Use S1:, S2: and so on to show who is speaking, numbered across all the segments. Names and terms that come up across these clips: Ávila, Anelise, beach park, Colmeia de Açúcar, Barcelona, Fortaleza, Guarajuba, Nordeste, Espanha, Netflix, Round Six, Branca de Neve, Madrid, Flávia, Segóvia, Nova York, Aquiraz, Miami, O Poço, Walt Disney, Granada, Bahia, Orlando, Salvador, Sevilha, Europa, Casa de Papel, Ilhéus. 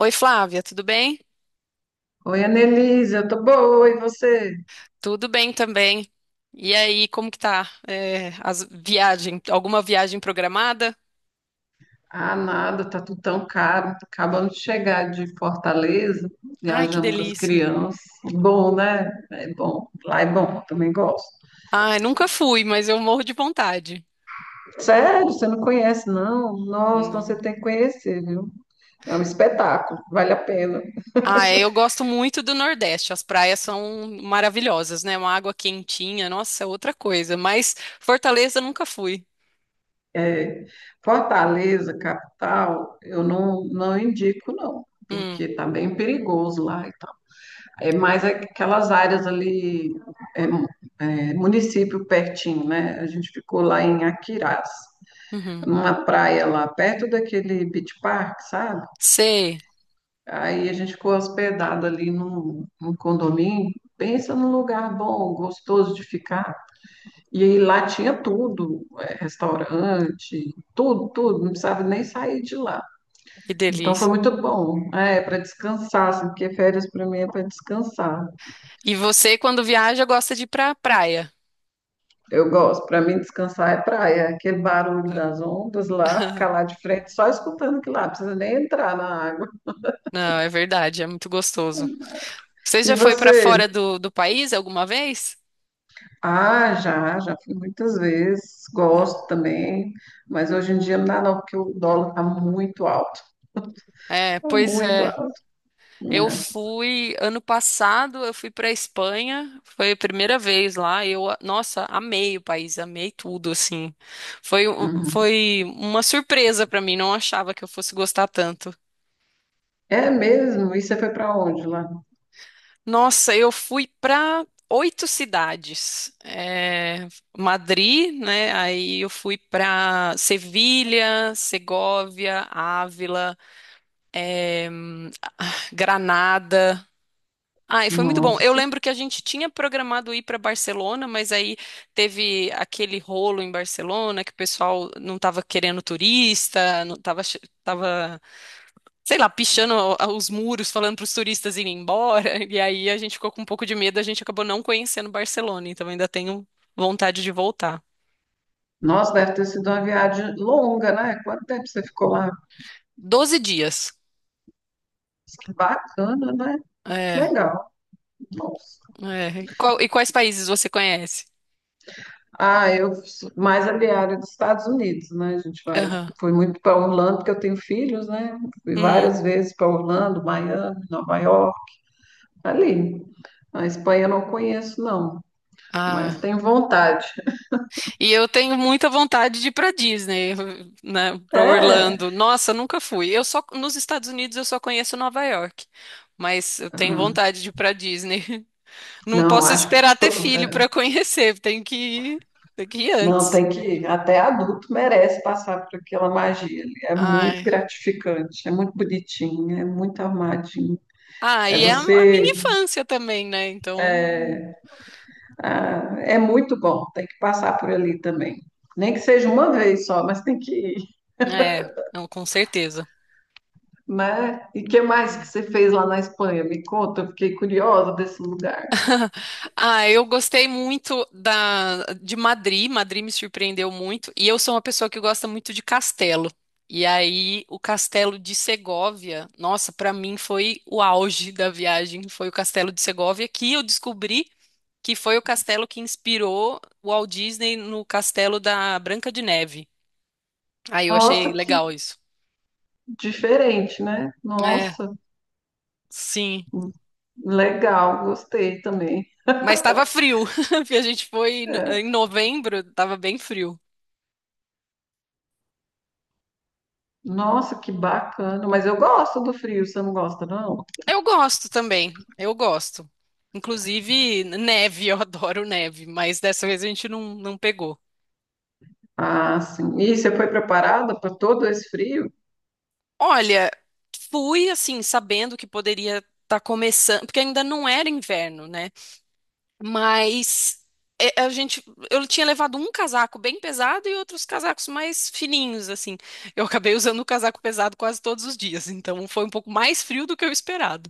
S1: Oi, Flávia, tudo bem?
S2: Oi, Anelise, eu tô boa, e você?
S1: Tudo bem também. E aí, como que tá? É, alguma viagem programada?
S2: Ah, nada, tá tudo tão caro. Tá Acabando de chegar de Fortaleza,
S1: Ai, que
S2: viajando com as
S1: delícia.
S2: crianças. É bom, né? É bom. Lá é bom, eu também gosto.
S1: Ai, nunca fui, mas eu morro de vontade.
S2: Sério, você não conhece, não? Nossa, então você
S1: Não.
S2: tem que conhecer, viu? É um espetáculo, vale a pena.
S1: Ah, eu gosto muito do Nordeste. As praias são maravilhosas, né? Uma água quentinha, nossa, é outra coisa. Mas Fortaleza nunca fui.
S2: É, Fortaleza, capital, eu não indico, não.
S1: Hum,
S2: Porque tá bem perigoso lá e tal. É mais aquelas áreas ali é, é, município pertinho, né? A gente ficou lá em Aquiraz,
S1: uhum.
S2: numa praia lá perto daquele beach park, sabe?
S1: Sei,
S2: Aí a gente ficou hospedado ali num condomínio. Pensa num lugar bom, gostoso de ficar. E aí lá tinha tudo, é, restaurante, tudo, tudo, não precisava nem sair de lá.
S1: que
S2: Então foi
S1: delícia.
S2: muito bom. É, para descansar, assim, porque férias para mim é para descansar.
S1: E você, quando viaja, gosta de ir pra praia.
S2: Eu gosto, para mim descansar é praia, é aquele barulho das ondas lá, ficar lá de frente só escutando aquilo lá, não precisa nem entrar na água.
S1: Não, é verdade, é muito gostoso. Você
S2: E
S1: já foi para
S2: você?
S1: fora do país alguma vez?
S2: Ah, já, já fui muitas vezes, gosto também, mas hoje em dia não dá não, porque o dólar está muito alto,
S1: É,
S2: tá
S1: pois
S2: muito
S1: é.
S2: alto,
S1: Eu
S2: né?
S1: fui ano passado, eu fui para Espanha, foi a primeira vez lá. Eu, nossa, amei o país, amei tudo assim. Foi, um-
S2: Uhum.
S1: foi uma surpresa para mim, não achava que eu fosse gostar tanto.
S2: É mesmo? E você foi para onde lá?
S1: Nossa, eu fui para oito cidades. É, Madrid, né? Aí eu fui para Sevilha, Segóvia, Ávila, Granada. Ai, foi muito bom. Eu
S2: Nossa,
S1: lembro que a gente tinha programado ir para Barcelona, mas aí teve aquele rolo em Barcelona que o pessoal não estava querendo turista, não estava, sei lá, pichando os muros, falando para os turistas irem embora. E aí a gente ficou com um pouco de medo, a gente acabou não conhecendo Barcelona, então ainda tenho vontade de voltar.
S2: nossa, deve ter sido uma viagem longa, né? Quanto tempo você ficou lá?
S1: 12 dias.
S2: Que bacana, né? Que
S1: É,
S2: legal, nossa.
S1: é. E, e quais países você conhece?
S2: Ah, eu sou mais aliada dos Estados Unidos, né? A gente vai,
S1: Aham.
S2: fui muito para Orlando porque eu tenho filhos, né? Fui
S1: Hum.
S2: várias vezes para Orlando, Miami, Nova York, ali. A Espanha eu não conheço, não, mas
S1: Ah.
S2: tenho vontade.
S1: E eu tenho muita vontade de ir para Disney, né, para
S2: É,
S1: Orlando. Nossa, nunca fui. Eu só nos Estados Unidos eu só conheço Nova York, mas eu tenho
S2: ah,
S1: vontade de ir para Disney. Não
S2: não,
S1: posso
S2: acho que
S1: esperar ter filho para conhecer, tenho que ir
S2: não
S1: antes.
S2: tem que até adulto merece passar por aquela magia ali. É muito
S1: Ai.
S2: gratificante, é muito bonitinho, é muito armadinho.
S1: Ah,
S2: É
S1: e é a minha
S2: você.
S1: infância também, né? Então,
S2: Ah, é muito bom, tem que passar por ali também. Nem que seja uma vez só, mas tem que ir,
S1: é, não, com certeza.
S2: né? E que mais que você fez lá na Espanha? Me conta, eu fiquei curiosa desse lugar.
S1: Ah, eu gostei muito da, de Madrid. Madrid me surpreendeu muito. E eu sou uma pessoa que gosta muito de castelo. E aí, o castelo de Segóvia, nossa, pra mim foi o auge da viagem. Foi o castelo de Segóvia que eu descobri que foi o castelo que inspirou o Walt Disney no castelo da Branca de Neve. Aí eu achei
S2: Nossa, que
S1: legal isso.
S2: diferente, né?
S1: É,
S2: Nossa,
S1: sim.
S2: legal, gostei também.
S1: Mas estava frio. A gente foi em
S2: É.
S1: em novembro, estava bem frio.
S2: Nossa, que bacana. Mas eu gosto do frio, você não gosta, não?
S1: Eu gosto também, eu gosto. Inclusive, neve, eu adoro neve, mas dessa vez a gente não pegou.
S2: Ah, sim. E você foi preparada para todo esse frio?
S1: Olha, fui assim, sabendo que poderia estar começando, porque ainda não era inverno, né? Mas é, a gente, eu tinha levado um casaco bem pesado e outros casacos mais fininhos, assim. Eu acabei usando o casaco pesado quase todos os dias, então foi um pouco mais frio do que eu esperava.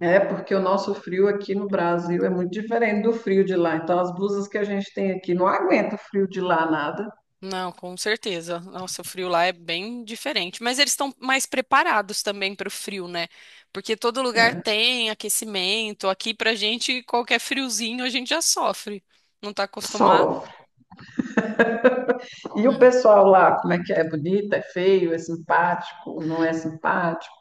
S2: É, porque o nosso frio aqui no Brasil é muito diferente do frio de lá. Então, as blusas que a gente tem aqui não aguenta o frio de lá nada.
S1: Não, com certeza. Nossa, o frio lá é bem diferente. Mas eles estão mais preparados também para o frio, né? Porque todo lugar
S2: É,
S1: tem aquecimento. Aqui, pra gente, qualquer friozinho a gente já sofre. Não tá acostumado?
S2: sofre. E o
S1: É.
S2: pessoal lá, como é que é? É bonito, é feio, é simpático, não é simpático?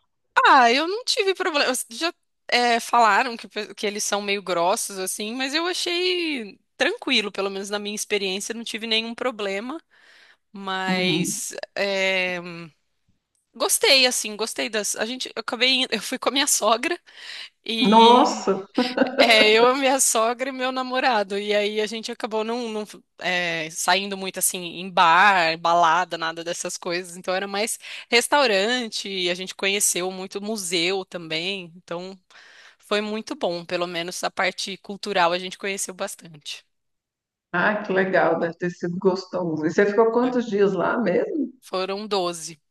S1: Ah, eu não tive problema. Falaram que, que eles são meio grossos, assim, mas eu achei tranquilo, pelo menos na minha experiência, não tive nenhum problema.
S2: Uhum.
S1: Mas é, gostei, assim, gostei das. A gente, eu acabei, eu fui com a minha sogra. E
S2: Nossa!
S1: é, eu, minha sogra e meu namorado. E aí a gente acabou não saindo muito assim em bar, balada, nada dessas coisas. Então era mais restaurante, e a gente conheceu muito museu também. Então foi muito bom, pelo menos a parte cultural a gente conheceu bastante.
S2: Ah, que legal, deve ter sido gostoso. E você ficou
S1: É,
S2: quantos dias lá mesmo?
S1: Foram 12.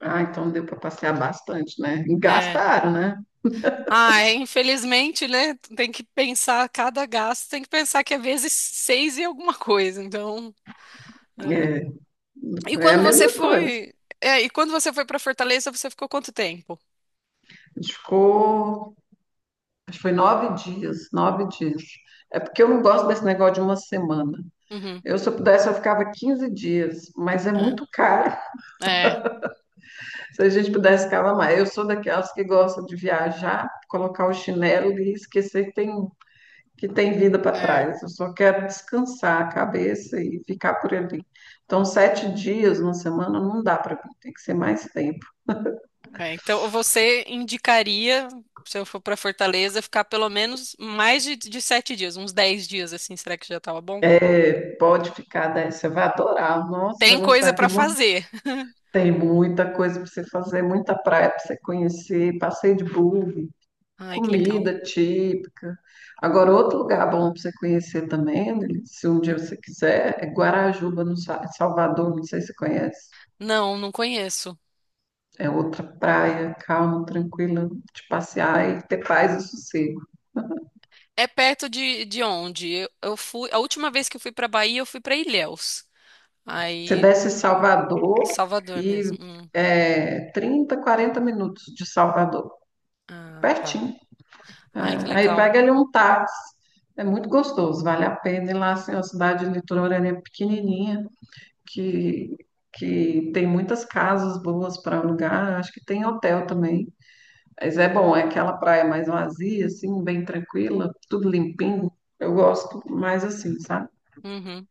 S2: Ah, então deu para passear bastante, né? E
S1: É.
S2: gastaram, né?
S1: Ah, é, infelizmente, né? Tem que pensar cada gasto, tem que pensar que é vezes seis e alguma coisa. Então. É. E
S2: É, é a
S1: quando você
S2: mesma coisa.
S1: foi, e quando você foi para Fortaleza, você ficou quanto tempo?
S2: A gente ficou, acho que foi 9 dias, 9 dias. É porque eu não gosto desse negócio de uma semana.
S1: Uhum.
S2: Eu, se eu pudesse, eu ficava 15 dias, mas é
S1: É,
S2: muito caro.
S1: é,
S2: Se a gente pudesse ficar mais. Eu sou daquelas que gostam de viajar, colocar o chinelo e esquecer que tem vida para
S1: é,
S2: trás. Eu só quero descansar a cabeça e ficar por ali. Então, 7 dias na semana não dá para mim, tem que ser mais tempo.
S1: é. Então você indicaria, se eu for para Fortaleza, ficar pelo menos mais de 7 dias, uns 10 dias assim, será que já tava bom?
S2: É, pode ficar, né? Você vai adorar. Nossa, vai
S1: Tem coisa
S2: gostar.
S1: para
S2: Tem um monte,
S1: fazer.
S2: tem muita coisa para você fazer, muita praia para você conhecer, passeio de buggy,
S1: Ai, que legal.
S2: comida típica. Agora, outro lugar bom para você conhecer também, né, se um dia
S1: Hum.
S2: você quiser, é Guarajuba, no Salvador, não sei se você conhece.
S1: Não, não conheço.
S2: É outra praia, calma, tranquila, de passear e ter paz e sossego.
S1: É perto de onde? Eu fui, a última vez que eu fui para Bahia, eu fui para Ilhéus.
S2: Você
S1: Aí,
S2: desce em Salvador
S1: Salvador
S2: e
S1: mesmo. Hum.
S2: é 30, 40 minutos de Salvador,
S1: Ah, tá.
S2: pertinho. É,
S1: Ai, que
S2: aí
S1: legal.
S2: pega ali um táxi. É muito gostoso, vale a pena ir lá, assim, uma cidade litorânea pequenininha, que, que tem muitas casas boas para alugar, acho que tem hotel também. Mas é bom, é aquela praia mais vazia, assim, bem tranquila, tudo limpinho. Eu gosto mais assim, sabe?
S1: Uhum.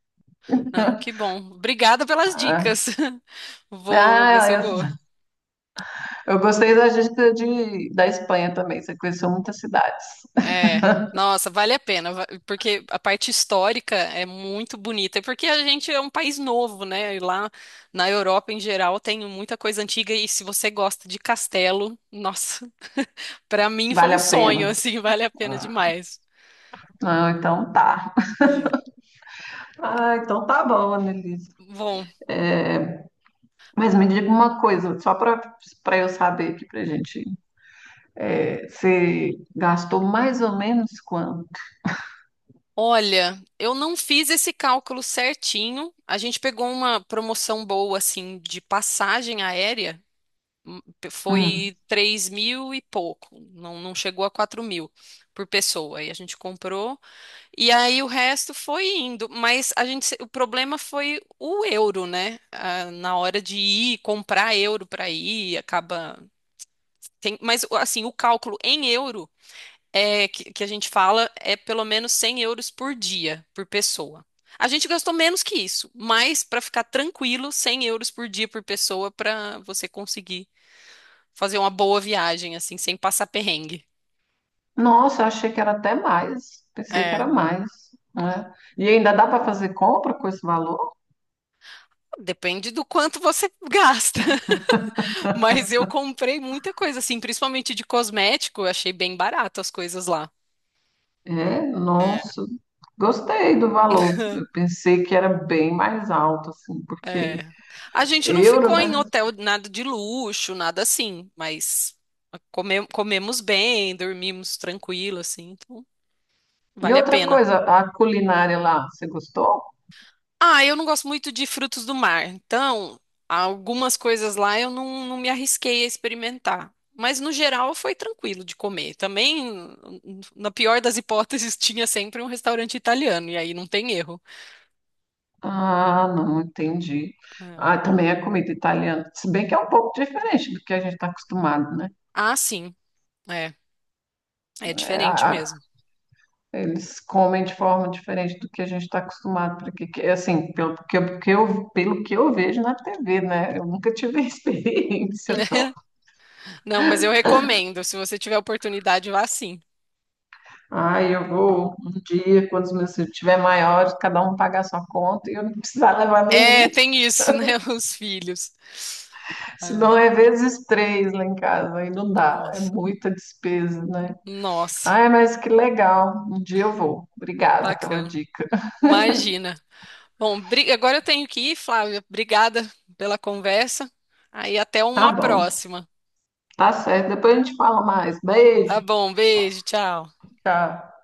S1: Ah, que bom. Obrigada pelas
S2: Ah,
S1: dicas. Vou ver se eu vou.
S2: ah, eu gostei da gente de, da Espanha também, você conheceu muitas cidades.
S1: É, nossa, vale a pena, porque a parte histórica é muito bonita, porque a gente é um país novo, né? E lá na Europa, em geral, tem muita coisa antiga, e se você gosta de castelo, nossa, pra mim foi
S2: Vale
S1: um
S2: a
S1: sonho,
S2: pena.
S1: assim, vale a pena
S2: Ah,
S1: demais.
S2: então tá.
S1: É.
S2: Ah, então tá bom, Annelise.
S1: Bom,
S2: Mas me diga uma coisa, só para para eu saber aqui pra gente. É, você gastou mais ou menos quanto?
S1: olha, eu não fiz esse cálculo certinho. A gente pegou uma promoção boa, assim, de passagem aérea.
S2: Hum.
S1: Foi 3.000 e pouco, não, não chegou a 4.000 por pessoa. E a gente comprou, e aí o resto foi indo. Mas a gente, o problema foi o euro, né? Ah, na hora de ir, comprar euro para ir, acaba. Tem, mas assim, o cálculo em euro é que a gente fala é pelo menos € 100 por dia, por pessoa. A gente gastou menos que isso, mas para ficar tranquilo, € 100 por dia por pessoa para você conseguir fazer uma boa viagem, assim, sem passar perrengue.
S2: Nossa, eu achei que era até mais. Pensei que
S1: É,
S2: era mais, né? E ainda dá para fazer compra com esse valor?
S1: depende do quanto você gasta, mas eu comprei muita coisa, assim, principalmente de cosmético, eu achei bem barato as coisas lá.
S2: É,
S1: É.
S2: nossa. Gostei do valor. Eu pensei que era bem mais alto, assim, porque
S1: É. A gente não
S2: euro,
S1: ficou
S2: né?
S1: em hotel, nada de luxo, nada assim, mas comemos bem, dormimos tranquilo, assim, então
S2: E
S1: vale a
S2: outra
S1: pena.
S2: coisa, a culinária lá, você gostou?
S1: Ah, eu não gosto muito de frutos do mar, então algumas coisas lá eu não me arrisquei a experimentar. Mas no geral foi tranquilo de comer. Também, na pior das hipóteses, tinha sempre um restaurante italiano, e aí não tem erro.
S2: Ah, não, entendi.
S1: É.
S2: Ah, também é comida italiana, se bem que é um pouco diferente do que a gente está acostumado, né?
S1: Ah, sim, é. É
S2: É,
S1: diferente mesmo.
S2: eles comem de forma diferente do que a gente está acostumado, porque assim, pelo que, que eu, pelo que eu vejo na TV, né? Eu nunca tive experiência, não.
S1: Não, mas eu recomendo. Se você tiver oportunidade, vá sim.
S2: Ah, eu vou um dia, quando os meus filhos estiverem maiores, cada um pagar sua conta e eu não precisar levar nenhum,
S1: É, tem isso, né? Os filhos. Ai,
S2: senão é vezes 3 lá em casa, aí não dá, é
S1: nossa,
S2: muita despesa, né?
S1: nossa,
S2: Ai, mas que legal. Um dia eu vou. Obrigada pela
S1: bacana.
S2: dica.
S1: Imagina. Bom, agora eu tenho que ir, Flávia. Obrigada pela conversa. Aí até
S2: Tá
S1: uma
S2: bom,
S1: próxima.
S2: tá certo. Depois a gente fala mais. Beijo.
S1: Tá bom, beijo, tchau.
S2: Tchau.